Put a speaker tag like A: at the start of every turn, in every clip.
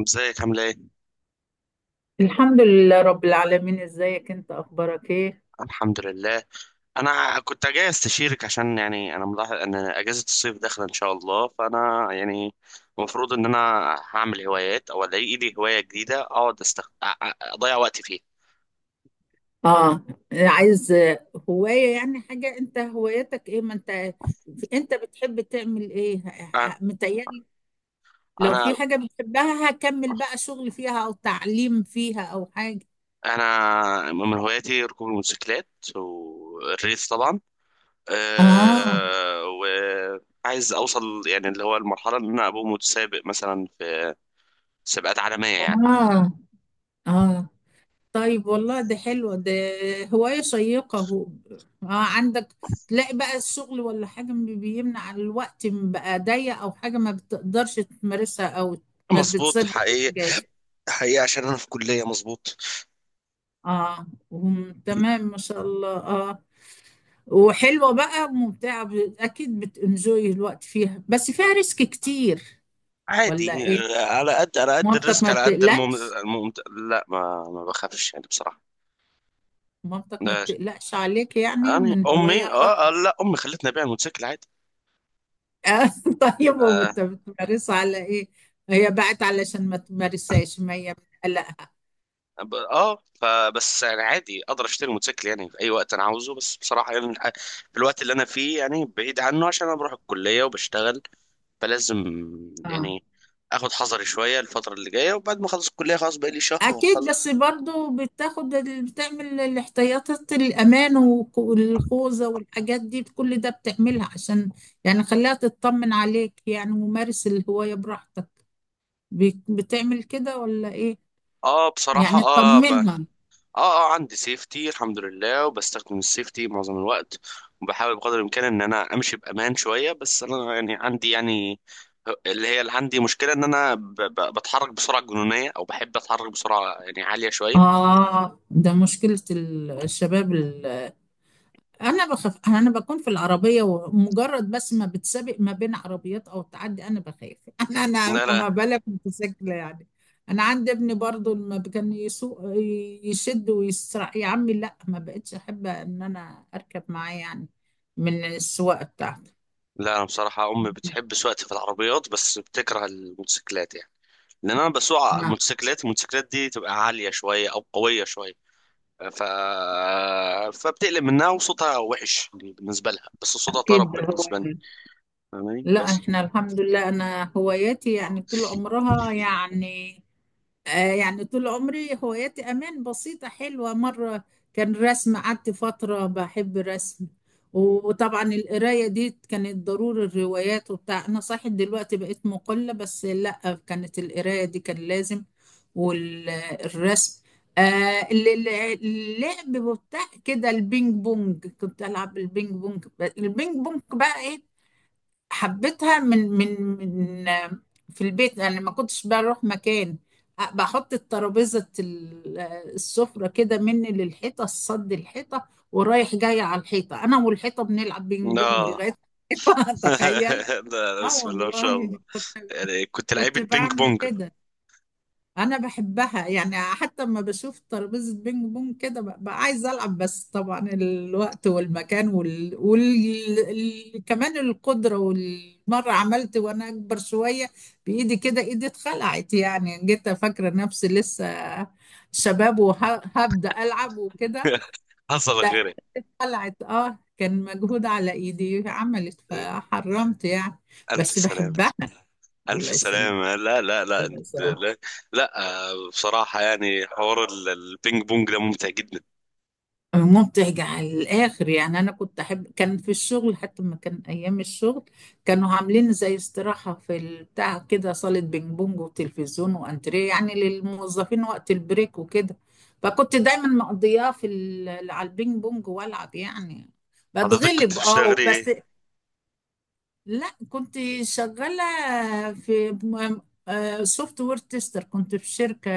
A: ازيك؟ عامله ايه؟
B: الحمد لله رب العالمين. ازيك انت؟ اخبارك ايه؟
A: الحمد لله. انا كنت جاي استشيرك عشان يعني انا ملاحظ ان اجازه الصيف داخله ان شاء الله، فانا يعني المفروض ان انا هعمل هوايات او الاقي لي هوايه جديده اقعد اضيع وقتي فيها.
B: اه، عايز هواية يعني؟ حاجة، انت هوايتك ايه؟ ما انت، انت بتحب تعمل ايه؟
A: أ-
B: متهيألي لو في
A: انا
B: حاجة بتحبها هكمل بقى شغل فيها او تعليم فيها او حاجة.
A: انا من هواياتي ركوب الموتوسيكلات، والريس طبعا.
B: اه.
A: أه... وعايز اوصل يعني اللي هو المرحله، ان انا ابقى متسابق مثلا في سباقات عالميه يعني.
B: اه. اه. طيب، والله ده حلوة ده، هواية شيقة هو. آه، عندك تلاقي بقى الشغل ولا حاجة بيمنع؟ الوقت بقى ضيق أو حاجة ما بتقدرش تمارسها، أو ما
A: مظبوط،
B: بتصدق
A: حقيقي،
B: الأجازة؟
A: حقيقي عشان انا في كلية. مظبوط،
B: اه، تمام، ما شاء الله. اه، وحلوة بقى ممتعة، أكيد بتنجوي الوقت فيها، بس فيها ريسك كتير ولا
A: عادي.
B: إيه؟
A: على قد على قد
B: مامتك
A: الريسك،
B: ما
A: على قد
B: بتقلقش؟
A: لا، ما بخافش يعني، بصراحة.
B: مامتك ما
A: لا،
B: بتقلقش عليك يعني
A: يعني
B: من
A: امي
B: هواية؟
A: اه آه، لا امي خلتني ابيع الموتوسيكل عادي.
B: آه، طيب،
A: اه،
B: وبتمارسها على ايه؟ هي بقت علشان ما تمارسهاش، ما هي بتقلقها.
A: آه، فبس يعني عادي اقدر اشتري موتوسيكل يعني في اي وقت انا عاوزه، بس بصراحة يعني في الوقت اللي انا فيه، يعني بعيد عنه عشان انا بروح الكلية وبشتغل. فلازم
B: اه
A: يعني اخد حذري شوية الفترة اللي جاية، وبعد ما اخلص الكلية خلاص، بقى لي شهر
B: اكيد، بس
A: وخلص.
B: برضو بتاخد بتعمل الاحتياطات، الامان والخوذه والحاجات دي، كل ده بتعملها عشان يعني خليها تطمن عليك، يعني ممارس الهوايه براحتك. بتعمل كده ولا ايه؟
A: اه بصراحة،
B: يعني
A: اه، اه،
B: تطمنها.
A: اه عندي سيفتي الحمد لله، وبستخدم السيفتي معظم الوقت، وبحاول بقدر الامكان ان انا امشي بامان شويه. بس انا يعني عندي يعني اللي هي اللي عندي مشكله، ان انا بتحرك بسرعه جنونيه، او بحب اتحرك بسرعه يعني عاليه شويه.
B: اه، ده مشكله الشباب. انا بخاف، انا بكون في العربيه ومجرد بس ما بتسابق ما بين عربيات او تعدي انا بخاف انا
A: لا،
B: انا
A: لا،
B: ما بالك متسكله يعني. انا عندي ابني برضو لما كان يسوق يشد ويسرع، يا عمي لا، ما بقتش احب ان انا اركب معاه يعني، من السواقه بتاعته.
A: لا، انا بصراحه امي بتحب سواقتي في العربيات، بس بتكره الموتوسيكلات يعني، لان انا بسوق
B: آه،
A: موتوسيكلات. الموتوسيكلات دي تبقى عاليه شويه او قويه شويه، ف... فبتقلب منها، وصوتها وحش يعني بالنسبه لها، بس صوتها طرب
B: اكيد هو.
A: بالنسبه لي. فاهماني
B: لا
A: بس.
B: احنا الحمد لله، انا هواياتي يعني طول عمرها يعني، آه، يعني طول عمري هواياتي أمان، بسيطة حلوة مرة. كان رسم، قعدت فترة بحب الرسم. وطبعا القراية دي كانت ضروري، الروايات وبتاع. أنا صحيح دلوقتي بقيت مقلة، بس لأ كانت القراية دي كان لازم. والرسم. آه. ال- ال- اللعب بتاع كده، البينج بونج، كنت ألعب البينج بونج. البينج بونج بقى إيه، حبيتها من آه، في البيت انا ما كنتش بروح مكان. بحط الترابيزه آه، السفره كده مني للحيطه، الصد الحيطه، ورايح جاي على الحيطه، انا والحيطه بنلعب بينج بونج
A: اه،
B: لغايه الحيطه، تخيل.
A: لا، لا،
B: اه
A: بسم الله ما شاء
B: والله
A: الله.
B: كنت،
A: يعني كنت
B: كنت
A: لعيبة بينج
B: بعمل
A: بونج.
B: كده. انا بحبها يعني، حتى لما بشوف ترابيزه بينج بونج كده ببقى عايزه العب، بس طبعا الوقت والمكان كمان القدره. والمره عملت وانا اكبر شويه بايدي كده، ايدي اتخلعت يعني، جيت فاكره نفسي لسه شباب وهبدا العب وكده.
A: حصل
B: لا
A: غيري.
B: اتخلعت، اه كان مجهود على ايدي، عملت فحرمت يعني.
A: ألف
B: بس
A: سلامة،
B: بحبها.
A: ألف
B: الله يسلمك.
A: سلامة. لا لا لا
B: الله
A: أنت-
B: يسلمك.
A: لا, لا، آه، بصراحة يعني حوار البينج بونج ده ممتع جدا.
B: ممتع على الآخر يعني. أنا كنت أحب، كان في الشغل، حتى ما كان أيام الشغل كانوا عاملين زي استراحة في البتاع كده، صالة بينج بونج وتلفزيون وأنتريه يعني للموظفين وقت البريك وكده، فكنت دايما مقضياه على البينج بونج وألعب يعني.
A: حضرتك كنت
B: بتغلب، اه
A: بتشتغلي
B: بس.
A: إيه؟
B: لا كنت شغالة في، سوفت وير تيستر، كنت في شركة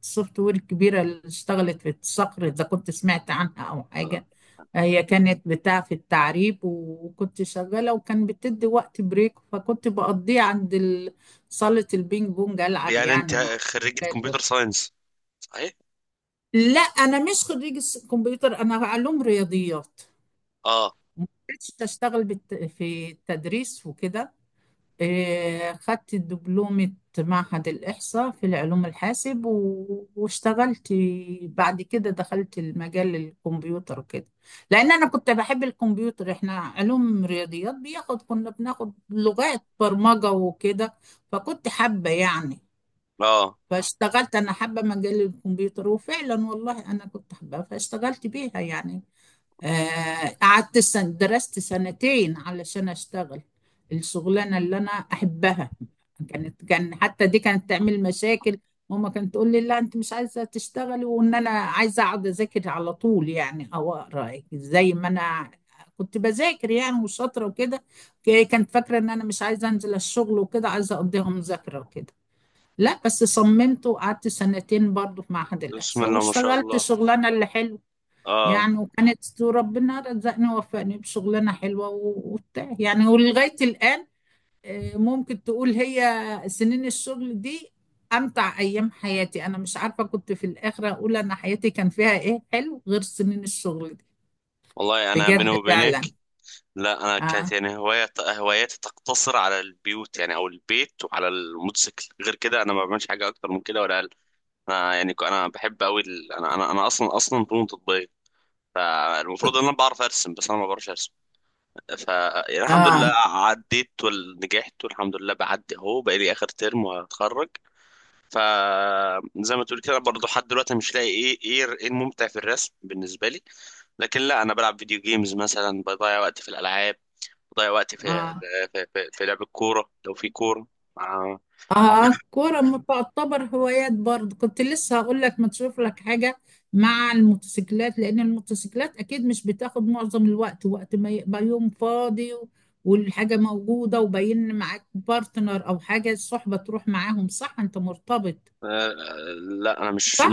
B: سوفت وير كبيرة اللي اشتغلت في الصقر، إذا كنت سمعت عنها أو حاجة.
A: آه،
B: هي كانت بتاع في التعريب، وكنت شغالة، وكان بتدي وقت بريك، فكنت بقضيه عند صالة البينج بونج، ألعب
A: يعني أنت
B: يعني مع
A: خريجة كمبيوتر
B: أولاده.
A: ساينس صحيح؟
B: لا أنا مش خريجة كمبيوتر، أنا علوم رياضيات.
A: آه،
B: ما كنتش أشتغل في التدريس وكده. إيه، خدت دبلومة معهد الإحصاء في العلوم الحاسب واشتغلت. بعد كده دخلت المجال الكمبيوتر وكده، لأن أنا كنت بحب الكمبيوتر. إحنا علوم رياضيات بياخد، كنا بناخد لغات برمجة وكده، فكنت حابة يعني،
A: آه،
B: فاشتغلت. أنا حابة مجال الكمبيوتر، وفعلا والله أنا كنت حابة فاشتغلت بيها يعني. آه، قعدت سن، درست سنتين علشان اشتغل الشغلانه اللي انا احبها. كانت كان حتى دي كانت تعمل مشاكل، ماما كانت تقول لي لا انت مش عايزه تشتغلي، وان انا عايزه اقعد اذاكر على طول يعني، او اقرا زي ما انا كنت بذاكر يعني وشاطره وكده. كانت فاكره ان انا مش عايزه انزل الشغل وكده، عايزه اقضيها مذاكره وكده. لا بس صممت، وقعدت سنتين برضه في معهد
A: بسم
B: الاحصاء،
A: الله ما شاء
B: واشتغلت
A: الله.
B: شغلانه اللي حلوه
A: آه،
B: يعني. وكانت ربنا رزقني ووفقني بشغلانة حلوة وبتاع يعني، ولغاية الآن، آه، ممكن تقول هي سنين الشغل دي أمتع أيام حياتي. أنا مش عارفة، كنت في الآخر أقول أنا حياتي كان فيها إيه حلو غير سنين الشغل دي.
A: والله أنا
B: بجد
A: بيني وبينك،
B: فعلا.
A: لا، انا كانت
B: آه.
A: يعني هواية هواياتي تقتصر على البيوت، يعني او البيت وعلى الموتوسيكل. غير كده انا ما بعملش حاجه اكتر من كده ولا اقل. انا يعني انا بحب قوي ال... انا انا انا اصلا، اصلا فنون تطبيقيه، فالمفروض ان انا بعرف ارسم، بس انا ما بعرفش ارسم. ف يعني الحمد لله
B: آه.
A: عديت ونجحت، والحمد لله بعدي اهو، بقى لي اخر ترم وهتخرج. ف زي ما تقول كده برضه، لحد دلوقتي مش لاقي ايه الممتع في الرسم بالنسبه لي. لكن لا، انا بلعب فيديو جيمز مثلا، بضيع وقتي في الالعاب، بضيع وقتي في
B: آه.
A: في لعب الكورة لو في كورة مع...
B: اه، كورة ما تعتبر هوايات برضه، كنت لسه هقول لك ما تشوف لك حاجة مع الموتوسيكلات، لأن الموتوسيكلات أكيد مش بتاخد معظم الوقت، وقت ما يبقى يوم فاضي والحاجة موجودة وباين، معاك بارتنر أو حاجة الصحبة تروح معاهم. صح، أنت مرتبط؟
A: آه، لا أنا مش م...
B: صح؟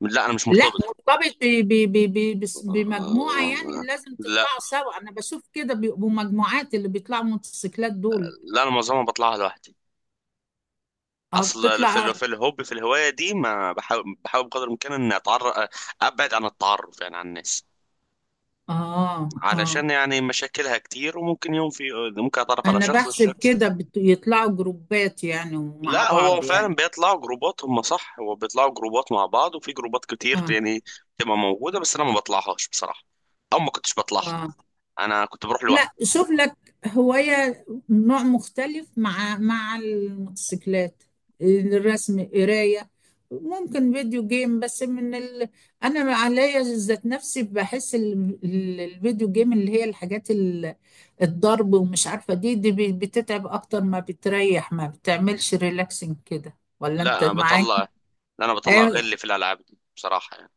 A: لا أنا مش
B: لا
A: مرتبط.
B: مرتبط، بمجموعة
A: آه،
B: يعني
A: آه،
B: لازم
A: لا،
B: تطلعوا سوا، أنا بشوف كده بيبقوا مجموعات اللي بيطلعوا موتوسيكلات دول.
A: لا أنا معظمها بطلعها لوحدي.
B: اه
A: أصل
B: بتطلع اه.
A: في الهواية دي، ما بحاول بقدر الإمكان إن أتعرف، أبعد عن التعرف يعني عن الناس،
B: اه. آه.
A: علشان يعني مشاكلها كتير، وممكن يوم في ممكن أتعرف على
B: انا
A: شخص
B: بحسب كده يطلعوا جروبات يعني مع
A: لا، هو
B: بعض
A: فعلا
B: يعني.
A: بيطلعوا جروبات. هم صح، هو بيطلعوا جروبات مع بعض، وفي جروبات كتير
B: اه.
A: يعني بتبقى موجودة، بس أنا ما بطلعهاش بصراحة، أو ما كنتش بطلعها.
B: اه.
A: أنا كنت بروح لوحدي.
B: لا شوف لك هواية، نوع مختلف، مع مع الموتوسيكلات، الرسم، قراية، ممكن فيديو جيم، بس من انا عليا ذات نفسي بحس الفيديو جيم اللي هي الحاجات الضرب ومش عارفة، دي بتتعب اكتر ما بتريح، ما بتعملش ريلاكسنج كده، ولا
A: لا
B: انت
A: أنا
B: معاك؟
A: بطلع، لا أنا بطلع غلي
B: أيوة.
A: في الألعاب دي بصراحة يعني.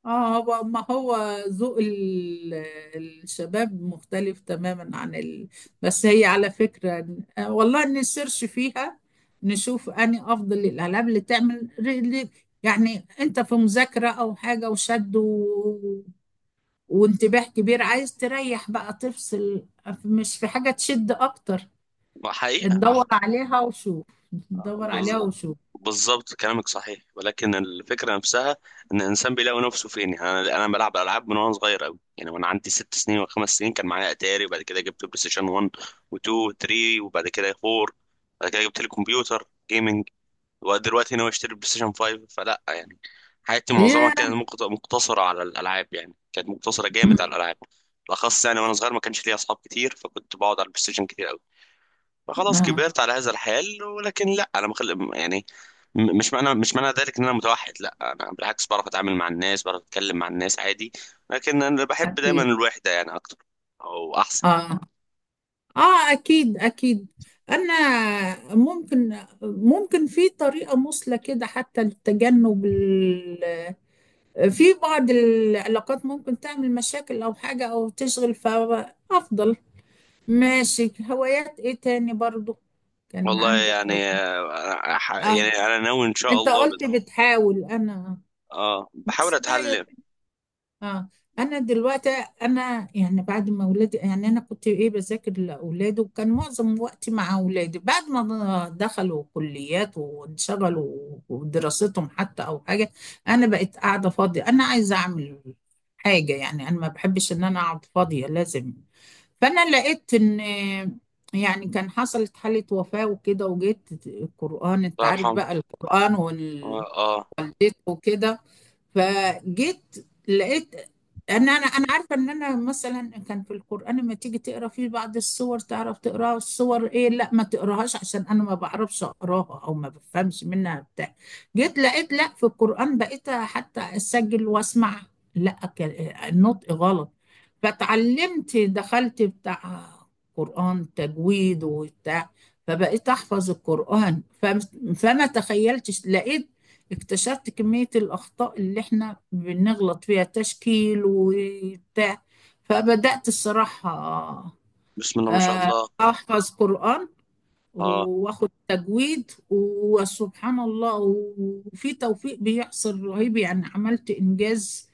B: اه هو ما هو ذوق الشباب مختلف تماما عن بس هي على فكرة آه، والله نسيرش فيها. نشوف اني افضل الالعاب اللي تعمل يعني انت في مذاكرة او حاجة وشد وانتباه كبير، عايز تريح بقى، تفصل، مش في حاجة تشد اكتر، صح؟
A: حقيقة.
B: ندور عليها وشوف. ندور
A: بز...
B: عليها وشوف.
A: بالظبط كلامك صحيح، ولكن الفكره نفسها ان الانسان بيلاقي نفسه فين يعني. انا بلعب العاب من وانا صغير قوي يعني. وانا عندي 6 سنين وخمس سنين كان معايا اتاري، وبعد كده جبت بلاي ستيشن 1 و2 و3، وبعد كده 4، بعد كده جبت لي كمبيوتر جيمنج. ودلوقتي ناوي اشتري بلاي ستيشن 5، فلا يعني. حياتي معظمها
B: هي.
A: كانت مقتصره على الالعاب، يعني كانت مقتصره
B: مم.
A: جامد على الالعاب بالاخص يعني. وانا صغير ما كانش ليا اصحاب كتير، فكنت بقعد على البلاي ستيشن كتير. خلاص
B: آه.
A: كبرت على هذا الحال. ولكن لا، انا يعني مش معنى ذلك ان انا متوحد، لا، انا بالعكس بعرف اتعامل مع الناس، بعرف اتكلم مع الناس عادي. لكن انا بحب دايما
B: اكيد.
A: الوحده يعني اكتر، او احسن.
B: اه. اه اكيد اكيد. انا ممكن، ممكن في طريقه مثلى كده حتى لتجنب في بعض العلاقات ممكن تعمل مشاكل او حاجه، او تشغل فافضل. ماشي، هوايات ايه تاني برضو كان
A: والله
B: عندك ولا-؟
A: يعني آه، أنا
B: اه
A: يعني انا ناوي ان شاء
B: انت
A: الله
B: قلت بتحاول، انا
A: اه بحاول
B: لا،
A: اتعلم.
B: اه انا دلوقتي، انا يعني بعد ما ولادي، يعني انا كنت ايه بذاكر لاولادي، وكان معظم وقتي مع اولادي، بعد ما دخلوا كليات وانشغلوا ودراستهم حتى او حاجه، انا بقيت قاعده فاضيه، انا عايزه اعمل حاجه يعني، انا ما بحبش ان انا اقعد فاضيه، لازم. فانا لقيت ان يعني كان حصلت حاله وفاه وكده، وجيت القران، انت
A: الله
B: عارف
A: يرحمه.
B: بقى القران
A: آه، اه.
B: وكده. فجيت لقيت ان انا عارفه ان انا مثلا كان في القران لما تيجي تقرا فيه بعض السور، تعرف تقراها، السور ايه لا ما تقراهاش عشان انا ما بعرفش اقراها او ما بفهمش منها بتاع. جيت لقيت لا، في القران بقيت حتى اسجل واسمع، لا النطق غلط. فتعلمت، دخلت بتاع قران تجويد وبتاع. فبقيت احفظ القران، فما تخيلتش، لقيت، اكتشفت كمية الأخطاء اللي احنا بنغلط فيها، تشكيل وبتاع. فبدأت الصراحة
A: بسم الله ما شاء
B: آه،
A: الله،
B: أحفظ قرآن
A: اه.
B: وآخد تجويد. وسبحان الله وفي توفيق بيحصل رهيب يعني، عملت إنجاز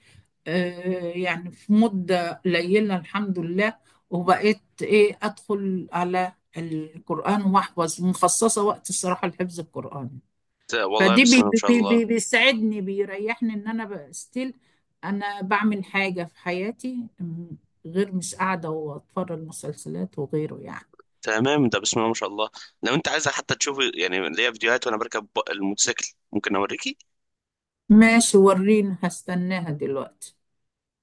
B: آه، يعني في مدة قليلة الحمد لله. وبقيت إيه أدخل على القرآن وأحفظ، مخصصة وقت الصراحة لحفظ القرآن.
A: والله
B: فدي
A: بسم
B: بي
A: الله ما شاء
B: بي
A: الله.
B: بي بيسعدني بيريحني ان انا بقى ستيل انا بعمل حاجة في حياتي، غير مش قاعدة واتفرج مسلسلات وغيره يعني.
A: تمام ده، بسم الله ما شاء الله. لو انت عايز حتى تشوف يعني ليا فيديوهات وانا بركب الموتوسيكل، ممكن اوريكي.
B: ماشي وريني، هستناها دلوقتي.